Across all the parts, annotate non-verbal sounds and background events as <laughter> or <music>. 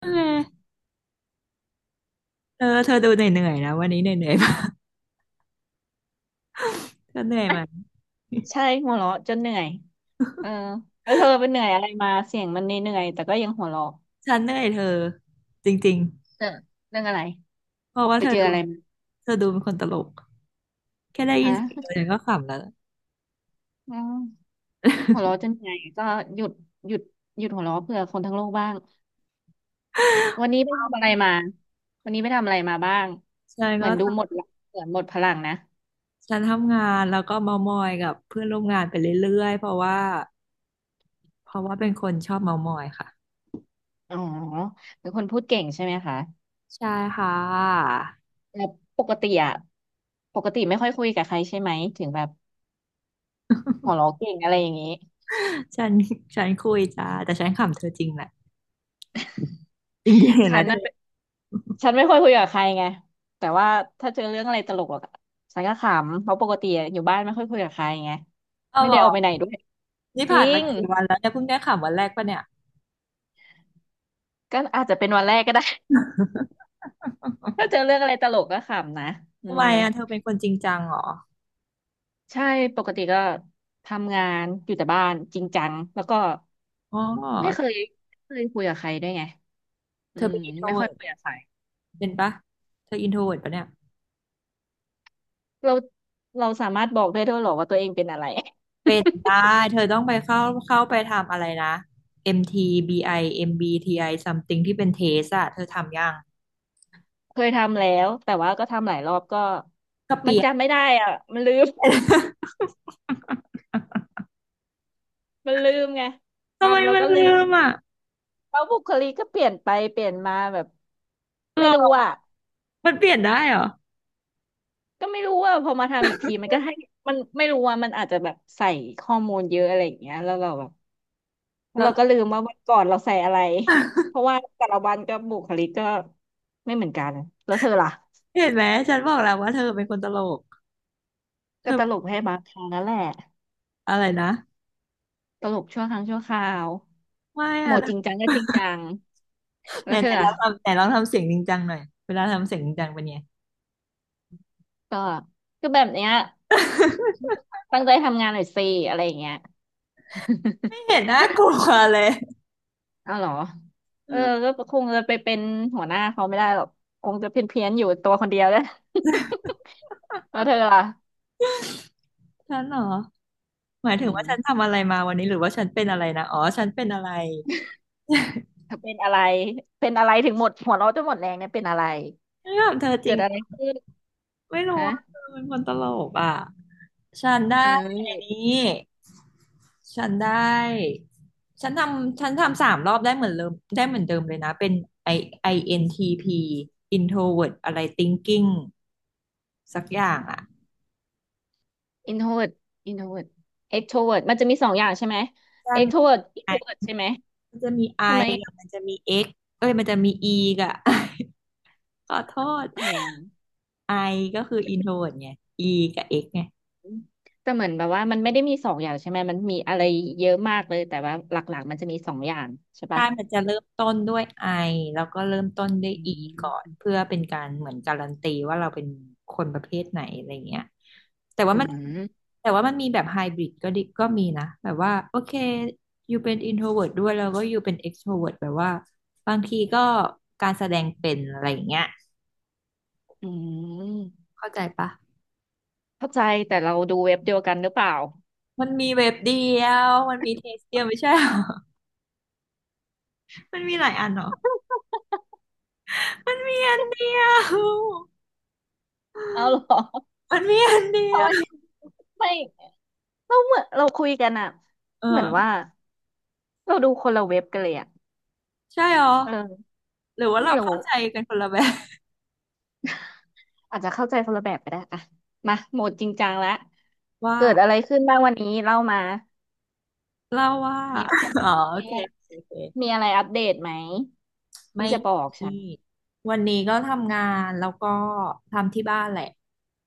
เออเธอดูเหนื่อยๆนะวันนี้เหนื่อยๆมากเธอเหนื่อยไหมใช่หัวเราะจนเหนื่อยเออแล้วเธอไปเหนื่อยอะไรมาเสียงมันเหนื่อยๆแต่ก็ยังหัวเราะฉันเหนื่อยเธอจริงเออเรื่องอะไรๆเพราะว่าไปเธอเจอดูอะไรมาเธอดูเป็นคนตลกแค่ได้ยินฮะเสียงเธอฉันก็ขำแล้วอืมหัวเราะจนเหนื่อยก็หยุดหยุดหยุดหัวเราะเพื่อคนทั้งโลกบ้างวันนี้ไปทำอะไรมาวันนี้ไปทำอะไรมาบ้างฉันเหมือนดูหมก็ดละเหมือนหมดพลังนะฉันทำงานแล้วก็เมามอยกับเพื่อนร่วมงานไปเรื่อยๆเพราะว่าเป็นคนชอบเมามอยค่ะอ๋อเป็นคนพูดเก่งใช่ไหมคะใช่ค่ะแต่ปกติอะปกติไม่ค่อยคุยกับใครใช่ไหมถึงแบบหัวเราะเก่งอะไรอย่างนี้ฉันฉันคุยจ้าแต่ฉันขำเธอจริงแหละจริงๆเห็นไหฉัมนเธน่ะ อฉันไม่ค่อยคุยกับใครไงแต่ว่าถ้าเจอเรื่องอะไรตลกอะฉันก็ขำเพราะปกติอยู่บ้านไม่ค่อยคุยกับใครไงเอาไม่หรได้อออกไปไหนด้วยนี่จริผ่านมางกี่วันแล้วเนี่ยเพิ่งได้ขำวันแรกปะเนี่ยก็อาจจะเป็นวันแรกก็ได้ <laughs> ถ้าเจอเรื่องอะไรตลกก็ขำนะอืทำไมมอ่ะเธอเป็นคนจริงจังเหรอใช่ปกติก็ทำงานอยู่แต่บ้านจริงจังแล้วก็อ๋อ ไม่เคยไม่เคยคุยกับใครด้วยไงอืเธอมเป็นอินโทรไม่เวิค่อยร์คุยตกับใครเป็นปะเธออินโทรเวิร์ตปะเนี่ยเราเราสามารถบอกได้ด้วยเหรอว่าตัวเองเป็นอะไร เป็น <laughs> ได้ เธอต้องไปเข้าไปทำอะไรนะ MTBI MBTI something ที่เป็นเทสอะเธอทำยังเคยทำแล้วแต่ว่าก็ทำหลายรอบก็ก็เปมันลี่ยน จำไม่ได้อ่ะมันลืม <laughs> <laughs> มันลืมไงทำไมทำแล้วมันก็ลืลืมมอ่ะแล้วบุคลิกก็เปลี่ยนไปเปลี่ยนมาแบบหรไม่รู้ออ่ะมันเปลี่ยนได้เหรอก็ไม่รู้ว่าพอมาทำอีกทีมันก็ให้มันไม่รู้ว่ามันอาจจะแบบใส่ข้อมูลเยอะอะไรอย่างเงี้ยแล้วเราแบบแล้วแล้วเราก็ลืมว่าวันก่อนเราใส่อะไรเพราะว่าแต่ละวันก็บุคลิกก็ไม่เหมือนกันแล้วเธอล่ะเห็นไหม ฉันบอกแล้วว่าเธอเป็นคนตลก เธก็อตลกให้บางครั้งนั่นแหละอะไรนะตลกชั่วครั้งชั่วคราว ไม่โหมอะดไหจริงจังก็จริงจังแล้นวเธไหนอลอะองทำไหนลองทำเสียงจริงจังหน่อย เวลาทำเสียงจริงจังเป็นไงก็ก็แบบเนี้ยตั้งใจทำงานหน่อยสิอะไรอย่างเงี้ยไม่เห็นน่ากลัวเลยเอาเหรอเอเอออก็คงจะไปเป็นหัวหน้าเขาไม่ได้หรอกคงจะเพี้ยนเพียนอยู่ตัวคนเดียวแหล้ว <laughs> แล้วเธอล่ะฉันเหรอ หมายอืถึงว่าฉันมทำอะไรมาวันนี้หรือว่าฉันเป็นอะไรนะอ๋อฉันเป็นอะไรเธอเป็นอะไรเป็นอะไรถึงหมดหัวเราะจนหมดแรงเนี่ยเป็นอะไรไม่ถามเธอจเกิริงดเหอะรไรอขึ้นไม่รู้ฮะว่าเธอเป็นคนตลกอ่ะ ฉันได้เอไอ้อ นี้ฉันได้ ฉันทำ3 รอบได้เหมือนเดิมได้เหมือนเดิมเลยนะ เป็น I n t p introvert อะไร thinking สักอย่างอ่ะ introvert introvert extrovert มันจะมีสองอย่างใช่ไหม ใช่มัน extrovert ไอ introvert ใช่ไหมมันจะมี ทำไม I กับมันจะมี X เอ้ยมันจะมี E กับ <laughs> ขอโทษ อ๋อ I ก็คือ introvert ไง E กับ X ไง แต่เหมือนแบบว่ามันไม่ได้มีสองอย่างใช่ไหมมันมีอะไรเยอะมากเลยแต่ว่าหลักๆมันจะมีสองอย่างใช่ใช่ปะมันจะเริ่มต้นด้วยไอแล้วก็เริ่มต้นด้วยอือีก่อนมเพื่อเป็นการเหมือนการันตีว่าเราเป็นคนประเภทไหนอะไรเงี้ยแต่ว่าอืมันมแต่ว่ามันมีแบบไฮบริดก็ดิก็มีนะแบบว่าโอเคอยู่เป็นอินโทรเวิร์ด้วยแล้วก็อยู่เป็นเอ็กโทรเวิร์แบบว่าบางทีก็การแสดงเป็นอะไรอย่างเงี้ยอืมเข้าใจปะเข้าใจแต่เราดูเว็บเดียวกันหรือเปล่ามันมีเว็บเดียวมันมีเทสเดียวไม่ใช่หรอ <laughs> มันมีหลายอันเหรอ มันมีอันเดียว <laughs> เอาเหรอมันมีอันเดียทำไมวไม่เราเหมือนเราคุยกันอะเอเหมือนว่าอเราดูคนละเว็บกันเลยอะใช่หรอ เออหรือว่าไม่เรารู้เข้าใจกันคนละแบบอาจจะเข้าใจคนละแบบก็ได้อะมาโหมดจริงจังแล้วว่าเกิดอะไรขึ้นบ้างวันนี้เล่ามาเล่าว่า มีอะไร <laughs> อ๋อโอมีเคอะไรโอเคโอเคมีอะไรอัปเดตไหมไม่ที่จะบอกมีฉัน วันนี้ก็ทำงานแล้วก็ทำที่บ้านแหละ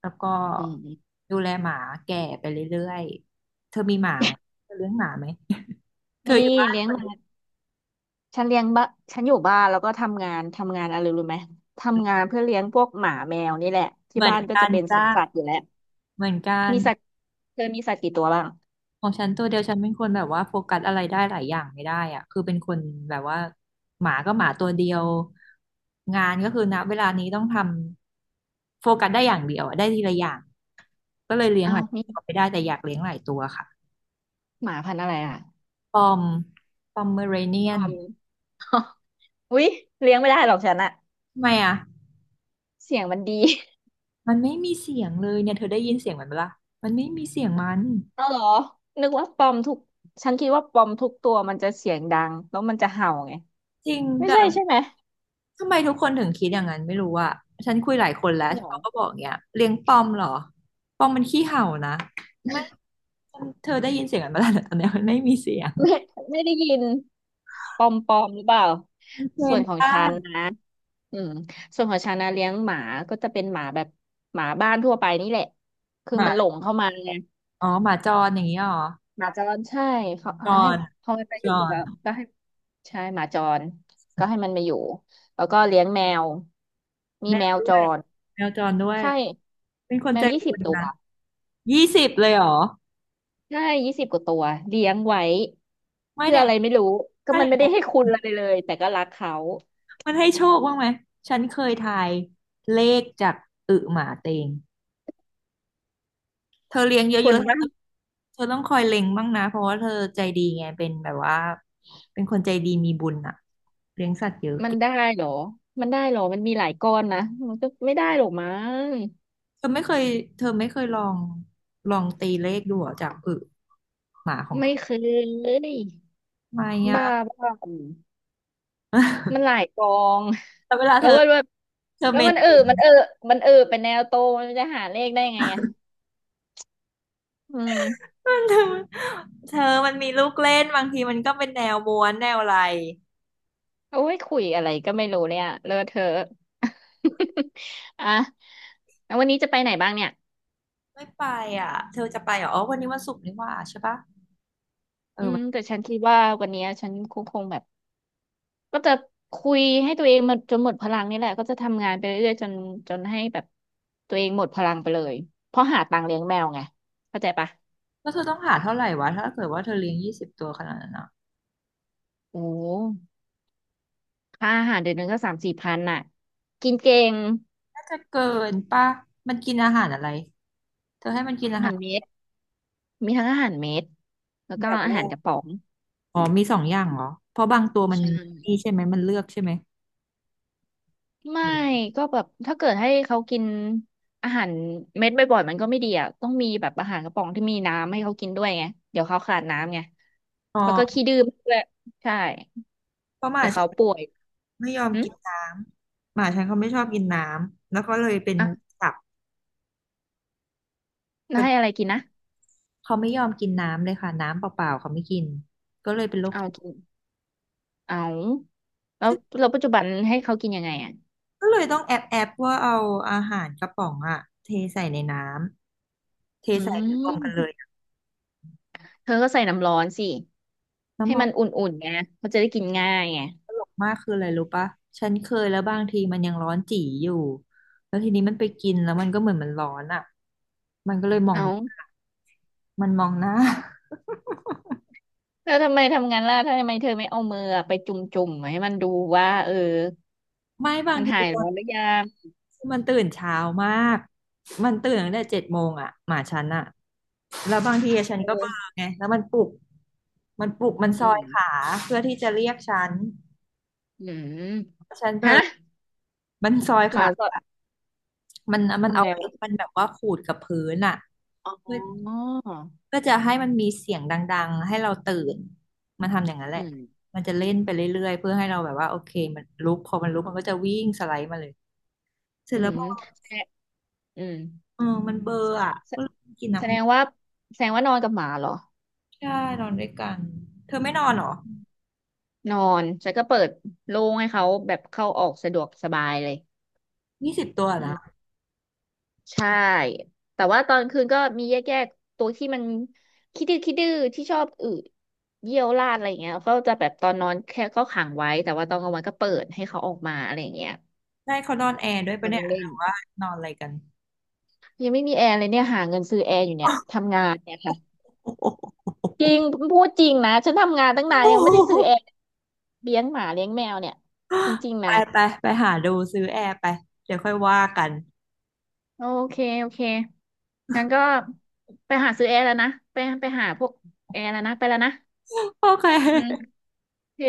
แล้วก็อืมดูแลหมาแก่ไปเรื่อยๆเธอมีหมาไหมเธอเลี้ยงหมาไหม <laughs> เธอนี่อยู่บ้านเลี้ยงคนหมาเดียวฉันเลี้ยงบ้าฉันอยู่บ้านแล้วก็ทำงานอะไรรู้ไหมทำงานเพื่อเลี้ยงพวกหมาแมวนี่แหละเหที่มือนบ้านก็กัจะนเป็นสวจ้านสัตว์อยู่แล้วเหมือนกัน มีสัตว์เธอมีสัตว์กี่ตัวบ้างของฉันตัวเดียวฉันเป็นคนแบบว่าโฟกัสอะไรได้หลายอย่างไม่ได้อะคือเป็นคนแบบว่าหมาก็หมาตัวเดียวงานก็คือณเวลานี้ต้องทำโฟกัสได้อย่างเดียวอะได้ทีละอย่างก็เลยเลี้ยงเอาหลาวยมีตัวไม่ได้แต่อยากเลี้ยงหลายตัวค่ะหมาพันธุ์อะไรอ่ะปอมปอมเมอเรเนียปนอมอุ๊ยเลี้ยงไม่ได้หรอกฉันอะทำไมอ่ะเสียงมันดีมันไม่มีเสียงเลยเนี่ยเธอได้ยินเสียงมันปะล่ะมันไม่มีเสียงมันเอาเหรอนึกว่าปอมทุกฉันคิดว่าปอมทุกตัวมันจะเสียงดังแล้วมันจะเห่าไงจริงไม่แต่ ใช่ใช่ไหมทำไมทุกคนถึงคิดอย่างนั้นไม่รู้อะฉันคุยหลายคนแล้วหรอ เขาก็บอกเนี้ยเลี้ยงปอมเหรอปอมมันขี้เห่านะไม่เธอได้ยินเสียงมันมาแล้วตอนเนี้ยมันไม่มีเสียงไม่ไม่ได้ยินปอมหรือเปล่ามันเทรส่นวนของได้ฉันนะอืมส่วนของฉันนะเลี้ยงหมาก็จะเป็นหมาแบบหมาบ้านทั่วไปนี่แหละคือหมันหลมางเข้ามาไงอ๋อหมาจรอย่างนี้เหรอหมาจรใช่เขาจให้รพอมันไปจอยู่แล้วรก็ให้ใช่หมาจรก็ให้มันมาอยู่แล้วก็เลี้ยงแมวมีแมแมววด้จวยรแมวจรด้วยใช่เป็นคนแมใจวยี่สิบุบญตัวนะยี่สิบเลยเหรอใช่20 กว่าตัวเลี้ยงไว้ไม่เพื่อเนี่ยอะไรไม่รู้ก็ถ้าอมันย่างไม่ได้นั้นให้คุณอะไรเลยแต่ก็รักเขา มันให้โชคบ้างไหมฉันเคยทายเลขจากอึหมาเต็ง เธอเลี้ยงเยคนอะบ้าๆงเธอเธอต้องคอยเล็งบ้างนะเพราะว่าเธอใจดีไงเป็นแบบว่าเป็นคนใจดีมีบุญอ่ะมันได้เหรอ มันได้เหรอมันมีหลายก้อนนะมันก็ไม่ได้หรอกมั้งเธอไม่เคยเธอไม่เคยลองตีเลขดูเหรอจากอึหมาของเธไม่อเคยทำไม่บ้าอ่ะ บ้ามันหลา <laughs> ยกองแต่เวลาแล้เธวอว่าแบบเธอแล้เมวนมันเออติน มันเออเป็นแนวโตมันจะหาเลขได้ไงอ่ะอืม <laughs> มันเธอมันมีลูกเล่นบางทีมันก็เป็นแนวม้วนแนวอะไรโอ้ยคุยอะไรก็ไม่รู้เนี่ยเลอะเทอะ <laughs> อ่ะแล้ววันนี้จะไปไหนบ้างเนี่ยไม่ไปอ่ะเธอจะไปเหรออ๋อวันนี้วันศุกร์นี่หว่าใช่ปะเออือมแต่ฉันคิดว่าวันนี้ฉันคงแบบ ก็จะคุยให้ตัวเองมันจนหมดพลังนี่แหละก็จะทำงานไปเรื่อยๆจนจนให้แบบตัวเองหมดพลังไปเลยเพราะหาตังค์เลี้ยงแมวไงเข้าใจปะแล้วเธอต้องหาเท่าไหร่วะถ้าเกิดว่าเธอเลี้ยงยี่สิบตัวขนาดนั้นอะ โอ้ค่าอาหารเดือนหนึงก็สามสี่พันน่ะกินเก่งจะเกินป่ะมันกินอาหารอะไรเธอให้มันกินอาอาหาหารรเม็ดมีทั้งอาหารเม็ดแล้วแบก็บอาว่าหารกระป๋องอ๋อมี2 อย่างเหรอเพราะบางตัวมันใช่นี่ใช่ไหมมันเลือกใช่ไหมไม่ก็แบบถ้าเกิดให้เขากินอาหารเม็ดบ่อยๆมันก็ไม่ดีอ่ะต้องมีแบบอาหารกระป๋องที่มีน้ำให้เขากินด้วยไงเดี๋ยวเขาขาดน้ำไงอ๋แล้วก็ขี้อดื้อด้วยใช่ เพราะหมาเดี๋ยวฉัเขานป่วยไม่ยอมอืมกินน้ำหมาฉันเขาไม่ชอบกินน้ำแล้วก็เลยเป็นอ่ะตับแล้วเป็นให้อะไรกินนะเขาไม่ยอมกินน้ำเลยค่ะน้ำเปล่าๆเขาไม่กินก็เลยเป็นโรคเอากินเอาแล้วซึ่งแล้วปัจจุบันให้เขากินยังไงอ่ะก็เลยต้องแอบว่าเอาอาหารกระป๋องอะเทใส่ในน้ำเทอืใส่รวมกันเลยมเธอก็ใส่น้ำร้อนสิให้มันน้ำ อุ่นๆไงเขาจะได้กินง่ายไงมากคืออะไรรู้ปะฉันเคยแล้วบางทีมันยังร้อนจี๋อยู่แล้วทีนี้มันไปกินแล้วมันก็เหมือนมันร้อนอ่ะมันก็เลยมองเอามันมองหน้า <laughs> แล้วทำไมทำงานล่ะทำไมเธอไม่เอามือไปจุ่มจุ่มให้มันดูว่าเออไม่บางมันทีหายตอร้อนนหรือยังที่มันตื่นเช้ามากมันตื่นตั้งแต่7 โมงอ่ะหมาฉันอ่ะแล้วบางทีฉันเอก็เบลออไงแล้วมันปลุกมันซอือมยขาเพื่อที่จะเรียกฉันอืมฉันเบลฮะอมันซอยหมาขา สดมันทำเอาไงเล็บวะมันแบบว่าขูดกับพื้นอ่ะอ๋เพื่ออเพื่อจะให้มันมีเสียงดังๆ ให้เราตื่น มันทำอย่างนั้นแหอืละ มมันจะเล่นไปเรื่อยๆเพื่อให้เราแบบว่าโอเคมันลุกพอมันลุกมันก็จะวิ่งสไลด์มาเลยเสร็จอืแล้วมพอแทะอืม เออมันเบลอร์อ่ะแสก็เลยกินน้แสดงว่านอนกับหมาเหรอำใช่นอนด้วยกันเธอไม่นอนเหรอนอนฉันก็เปิดโล่งให้เขาแบบเข้าออกสะดวกสบายเลยยี่สิบตัวอืนะมใช่แต่ว่าตอนคืนก็มีแยกๆตัวที่มันคิดดื้อที่ชอบอืดเยี่ยวราดอะไรอย่างเงี้ยเขาจะแบบตอนนอนแค่ก็ขังไว้แต่ว่าตอนกลางวันก็เปิดให้เขาออกมาอะไรอย่างเงี้ยได้เขานอนแอร์ด้วยปะมาเนี่ยหเล่รืนอว่านอนอะไรกันยังไม่มีแอร์เลยเนี่ยหาเงินซื้อแอร์อยู่เนี่ยทำงานเนี่ยค่ะโอ้โห จริงพูดจริงนะฉันทำงานตั้งนานยังไม่ได้ซื้อแอร์ เลี้ยงหมาเลี้ยงแมวเนี่ยจริง <laughs> ๆไปนะไปไปหาดูซื้อแอร์ไปเดี๋ยวค่อยว่ากัน โอเคงั้นก็ไปหาซื้อแอร์แล้วนะไปหาพวกแอร์แล้วนะไปแล้วนะ <laughs> โอเอืมคโอเค